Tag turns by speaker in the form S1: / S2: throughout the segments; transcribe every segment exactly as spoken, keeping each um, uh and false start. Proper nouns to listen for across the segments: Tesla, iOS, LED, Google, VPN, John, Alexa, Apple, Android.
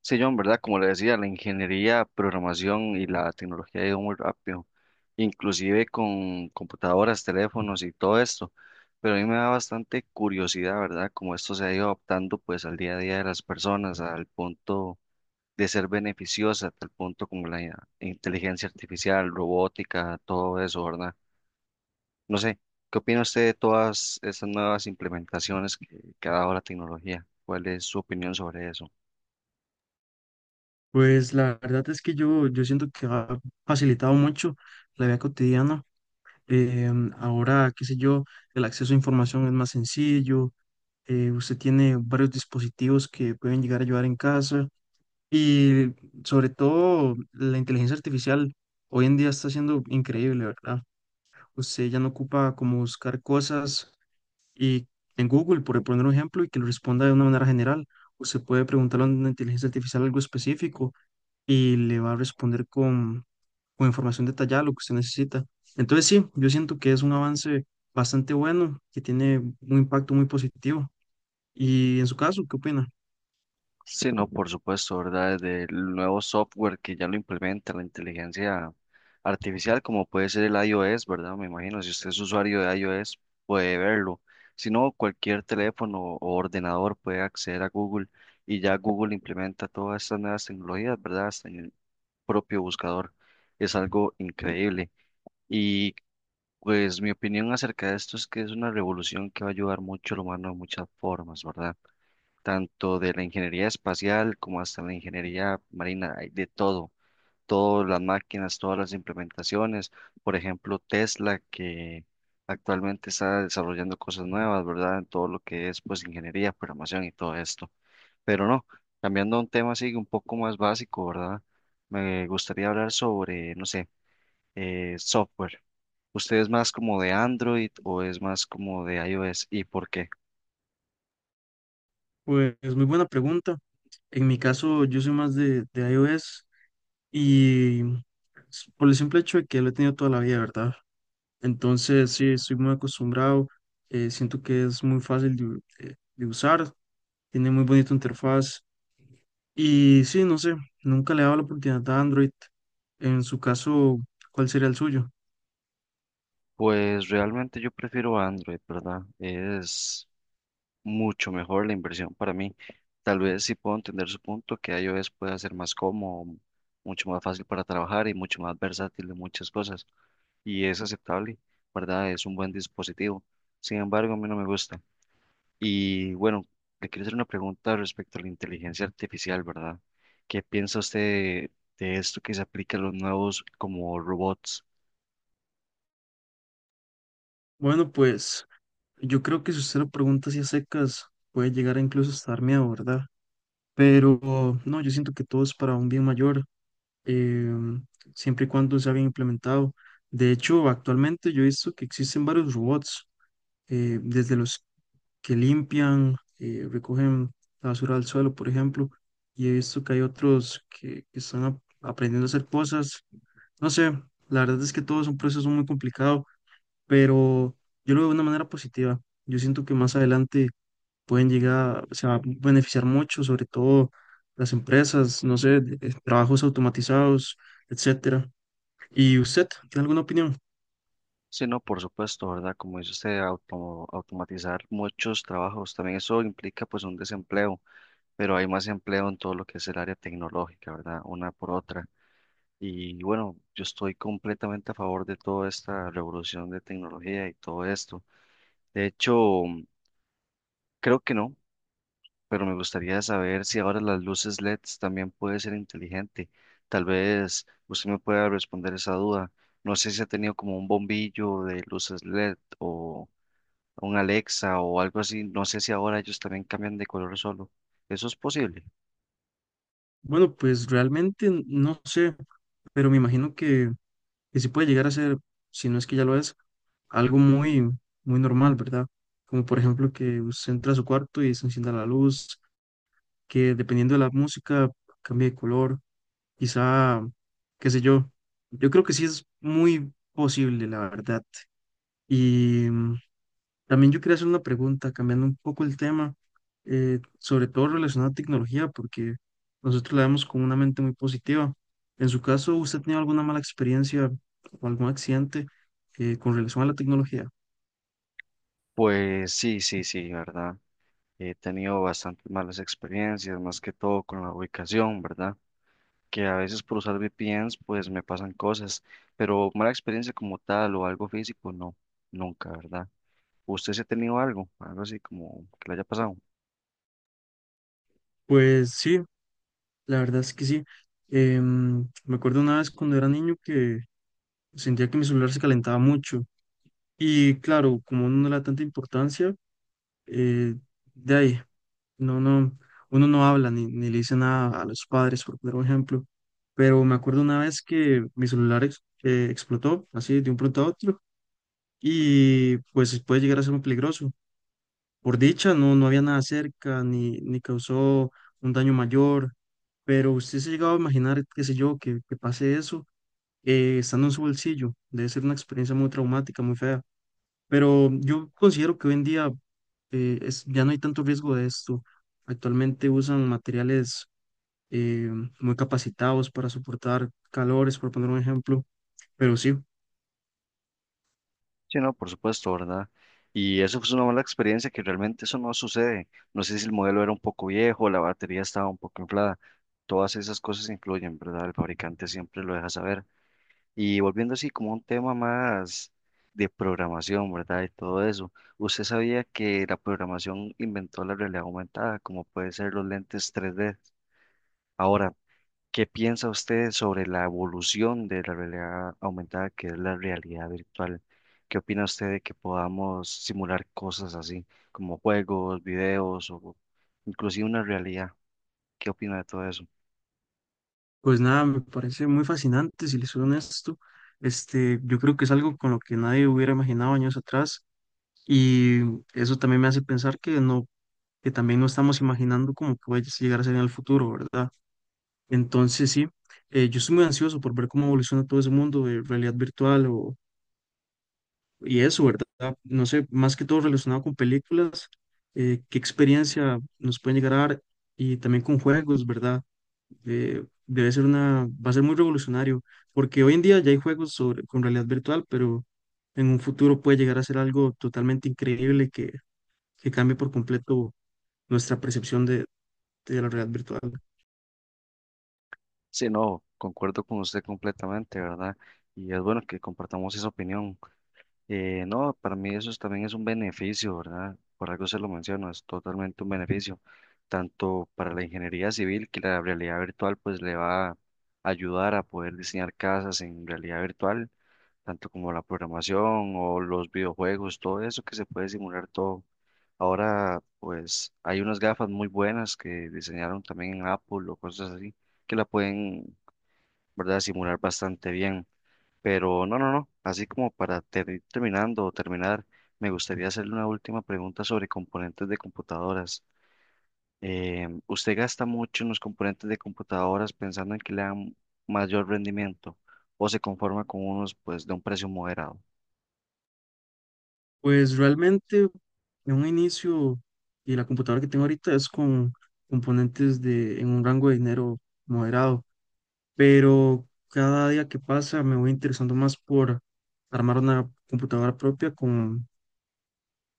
S1: Sí, John, ¿verdad? Como le decía, la ingeniería, programación y la tecnología ha ido muy rápido, inclusive con computadoras, teléfonos y todo esto. Pero a mí me da bastante curiosidad, ¿verdad? Cómo esto se ha ido adaptando pues al día a día de las personas, al punto de ser beneficiosa, hasta el punto como la inteligencia artificial, robótica, todo eso, ¿verdad? No sé, ¿qué opina usted de todas estas nuevas implementaciones que, que ha dado la tecnología? ¿Cuál es su opinión sobre eso?
S2: Pues la verdad es que yo, yo siento que ha facilitado mucho la vida cotidiana. Em, ahora, qué sé yo, el acceso a información es más sencillo. Eh, usted tiene varios dispositivos que pueden llegar a ayudar en casa. Y sobre todo, la inteligencia artificial hoy en día está siendo increíble, ¿verdad? Usted ya no ocupa como buscar cosas y en Google, por poner un ejemplo, y que lo responda de una manera general. Usted puede preguntarle a una inteligencia artificial algo específico y le va a responder con, con información detallada lo que usted necesita. Entonces sí, yo siento que es un avance bastante bueno, que tiene un impacto muy positivo. Y en su caso, ¿qué opina?
S1: Sí, no, por supuesto, ¿verdad? Del nuevo software que ya lo implementa la inteligencia artificial, como puede ser el iOS, ¿verdad? Me imagino, si usted es usuario de iOS, puede verlo. Si no, cualquier teléfono o ordenador puede acceder a Google y ya Google implementa todas estas nuevas tecnologías, ¿verdad? Hasta en el propio buscador. Es algo increíble. Y pues mi opinión acerca de esto es que es una revolución que va a ayudar mucho al humano de muchas formas, ¿verdad? Tanto de la ingeniería espacial como hasta la ingeniería marina, hay de todo, todas las máquinas, todas las implementaciones, por ejemplo, Tesla, que actualmente está desarrollando cosas nuevas, ¿verdad? En todo lo que es, pues, ingeniería, programación y todo esto. Pero no, cambiando a un tema así un poco más básico, ¿verdad? Me gustaría hablar sobre, no sé, eh, software. ¿Usted es más como de Android o es más como de iOS y por qué?
S2: Pues es muy buena pregunta. En mi caso, yo soy más de, de iOS y s- por el simple hecho de que lo he tenido toda la vida, ¿verdad? Entonces, sí, estoy muy acostumbrado, eh, siento que es muy fácil de, u- de- de usar, tiene muy bonita interfaz. Y sí, no sé, nunca le he dado la oportunidad a Android. En su caso, ¿cuál sería el suyo?
S1: Pues realmente yo prefiero Android, ¿verdad? Es mucho mejor la inversión para mí. Tal vez sí puedo entender su punto, que iOS pueda ser más cómodo, mucho más fácil para trabajar y mucho más versátil en muchas cosas. Y es aceptable, ¿verdad? Es un buen dispositivo. Sin embargo, a mí no me gusta. Y bueno, le quiero hacer una pregunta respecto a la inteligencia artificial, ¿verdad? ¿Qué piensa usted de, de esto que se aplica a los nuevos como robots?
S2: Bueno, pues yo creo que si usted lo pregunta así a secas, puede llegar a incluso hasta dar miedo, ¿verdad? Pero no, yo siento que todo es para un bien mayor, eh, siempre y cuando sea bien implementado. De hecho, actualmente yo he visto que existen varios robots, eh, desde los que limpian, eh, recogen la basura del suelo, por ejemplo, y he visto que hay otros que, que están ap- aprendiendo a hacer cosas. No sé, la verdad es que todo es un proceso muy complicado, pero yo lo veo de una manera positiva. Yo siento que más adelante pueden llegar, se va a beneficiar mucho, sobre todo las empresas, no sé, de- eh, trabajos automatizados, etcétera. ¿Y usted tiene alguna opinión?
S1: Sí, no, por supuesto, ¿verdad? Como dice usted, auto- automatizar muchos trabajos, también eso implica pues un desempleo, pero hay más empleo en todo lo que es el área tecnológica, ¿verdad? Una por otra. Y bueno, yo estoy completamente a favor de toda esta revolución de tecnología y todo esto. De hecho, creo que no, pero me gustaría saber si ahora las luces L E Ds también puede ser inteligente. Tal vez usted me pueda responder esa duda. No sé si ha tenido como un bombillo de luces L E D o un Alexa o algo así. No sé si ahora ellos también cambian de color solo. ¿Eso es posible?
S2: Bueno, pues realmente n- no sé, pero me imagino que, que sí puede llegar a ser, si no es que ya lo es, algo muy, muy normal, ¿verdad? Como por ejemplo que usted entra a su cuarto y se encienda la luz que dependiendo de la música cambie de color, quizá, qué sé yo. Yo creo que sí es muy posible, la verdad. Y mm, también yo quería hacer una pregunta, cambiando un poco el tema, eh, sobre todo relacionado a tecnología, porque nosotros la vemos con una mente muy positiva. En su caso, ¿usted ha tenido alguna mala experiencia o algún accidente eh, con relación a la tecnología?
S1: Pues sí, sí, sí, ¿verdad? He tenido bastantes malas experiencias, más que todo con la ubicación, ¿verdad? Que a veces por usar V P Ns pues me pasan cosas, pero mala experiencia como tal o algo físico, no, nunca, ¿verdad? ¿Usted se ha tenido algo, algo así como que le haya pasado?
S2: Pues sí, la verdad es que sí. Em, me acuerdo una vez cuando era niño que sentía que mi celular se calentaba mucho. Y claro, como uno no le da tanta importancia, eh, de ahí, no, no, uno no habla ni, ni le dice nada a los padres, por poner un ejemplo. Pero me acuerdo una vez que mi celular ex- eh, explotó así de un pronto a otro y pues puede llegar a ser muy peligroso. Por dicha, no, no había nada cerca, ni, ni causó un daño mayor, pero usted se ha llegado a imaginar, qué sé yo, que, que pase eso eh, estando en su bolsillo. Debe ser una experiencia muy traumática, muy fea. Pero yo considero que hoy en día eh, es, ya no hay tanto riesgo de esto. Actualmente usan materiales eh, muy capacitados para soportar calores, por poner un ejemplo. Pero sí.
S1: Sí, no, por supuesto, ¿verdad? Y eso fue una mala experiencia que realmente eso no sucede. No sé si el modelo era un poco viejo, la batería estaba un poco inflada. Todas esas cosas incluyen, ¿verdad? El fabricante siempre lo deja saber. Y volviendo así como a un tema más de programación, ¿verdad? Y todo eso. ¿Usted sabía que la programación inventó la realidad aumentada, como puede ser los lentes tres D? Ahora, ¿qué piensa usted sobre la evolución de la realidad aumentada, que es la realidad virtual? ¿Qué opina usted de que podamos simular cosas así, como juegos, videos o inclusive una realidad? ¿Qué opina de todo eso?
S2: Pues nada, me parece muy fascinante, si les soy honesto. Este, yo creo que es algo con lo que nadie hubiera imaginado años atrás y eso también me hace pensar que no, que también no estamos imaginando cómo puede llegar a ser en el futuro, ¿verdad? Entonces sí, eh, yo estoy muy ansioso por ver cómo evoluciona todo ese mundo de realidad virtual o, y eso, ¿verdad? No sé, más que todo relacionado con películas, eh, qué experiencia nos pueden llegar a dar y también con juegos, ¿verdad? Eh, debe ser una, va a ser muy revolucionario, porque hoy en día ya hay juegos sobre, con realidad virtual, pero en un futuro puede llegar a ser algo totalmente increíble que, que cambie por completo nuestra percepción de, de la realidad virtual.
S1: Sí, no, concuerdo con usted completamente, ¿verdad? Y es bueno que compartamos esa opinión. Eh, no, para mí eso es- también es un beneficio, ¿verdad? Por algo se lo menciono, es totalmente un beneficio, tanto para la ingeniería civil que la realidad virtual pues le va a ayudar a poder diseñar casas en realidad virtual, tanto como la programación o los videojuegos, todo eso que se puede simular todo. Ahora pues hay unas gafas muy buenas que diseñaron también en Apple o cosas así que la pueden, ¿verdad? Simular bastante bien. Pero no, no, no. Así como para ter- ir terminando o terminar, me gustaría hacerle una última pregunta sobre componentes de computadoras. Eh, ¿usted gasta mucho en los componentes de computadoras pensando en que le dan mayor rendimiento o se conforma con unos pues de un precio moderado?
S2: Pues realmente en un inicio y la computadora que tengo ahorita es con componentes de, en un rango de dinero moderado, pero cada día que pasa me voy interesando más por armar una computadora propia con,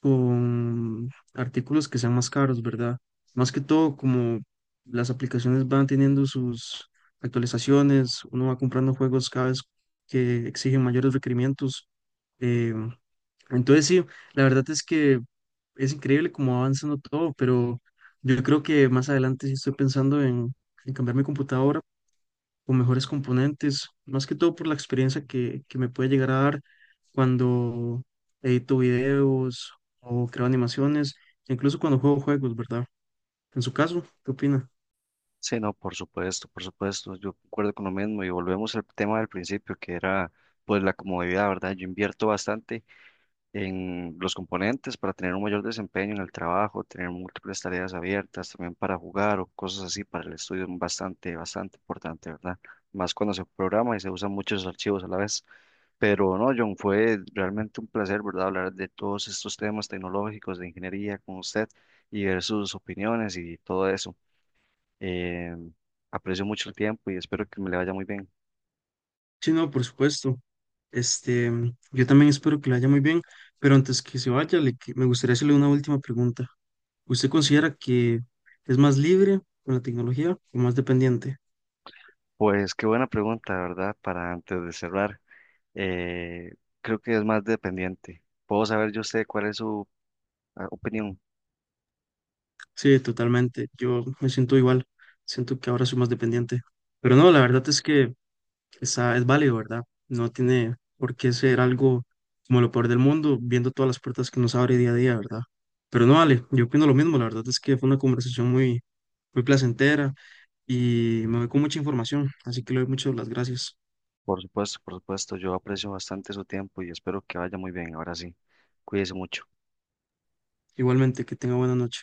S2: con artículos que sean más caros, ¿verdad? Más que todo, como las aplicaciones van teniendo sus actualizaciones, uno va comprando juegos cada vez que exigen mayores requerimientos. eh, entonces, sí, la verdad es que es increíble cómo va avanzando todo, pero yo creo que más adelante sí estoy pensando en, en cambiar mi computadora o mejores componentes, más que todo por la experiencia que, que me puede llegar a dar cuando edito videos o creo animaciones, incluso cuando juego juegos, ¿verdad? En su caso, ¿qué opina?
S1: Sí, no, por supuesto, por supuesto. Yo concuerdo con lo mismo y volvemos al tema del principio que era pues la comodidad, ¿verdad? Yo invierto bastante en los componentes para tener un mayor desempeño en el trabajo, tener múltiples tareas abiertas, también para jugar o cosas así, para el estudio es bastante, bastante importante, ¿verdad? Más cuando se programa y se usan muchos archivos a la vez. Pero no, John, fue realmente un placer, ¿verdad? Hablar de todos estos temas tecnológicos de ingeniería con usted y ver sus opiniones y todo eso. Eh, aprecio mucho el tiempo y espero que me le vaya muy bien.
S2: Sí, no, por supuesto. Este, yo también espero que le vaya muy bien, pero antes que se vaya, le que- me gustaría hacerle una última pregunta. ¿Usted considera que es más libre con la tecnología o más dependiente?
S1: Pues qué buena pregunta, ¿verdad? Para antes de cerrar. eh, Creo que es más dependiente. Puedo saber yo sé cuál es su ah, opinión.
S2: Sí, totalmente. Yo me siento igual. Siento que ahora soy más dependiente. Pero no, la verdad es que está, es válido, ¿verdad? No tiene por qué ser algo como lo peor del mundo, viendo todas las puertas que nos abre día a día, ¿verdad? Pero no vale, yo opino lo mismo, la verdad es que fue una conversación muy, muy placentera y me voy con mucha información, así que le doy muchas las gracias.
S1: Por supuesto, por supuesto, yo aprecio bastante su tiempo y espero que vaya muy bien. Ahora sí, cuídese mucho.
S2: Igualmente, que tenga buena noche.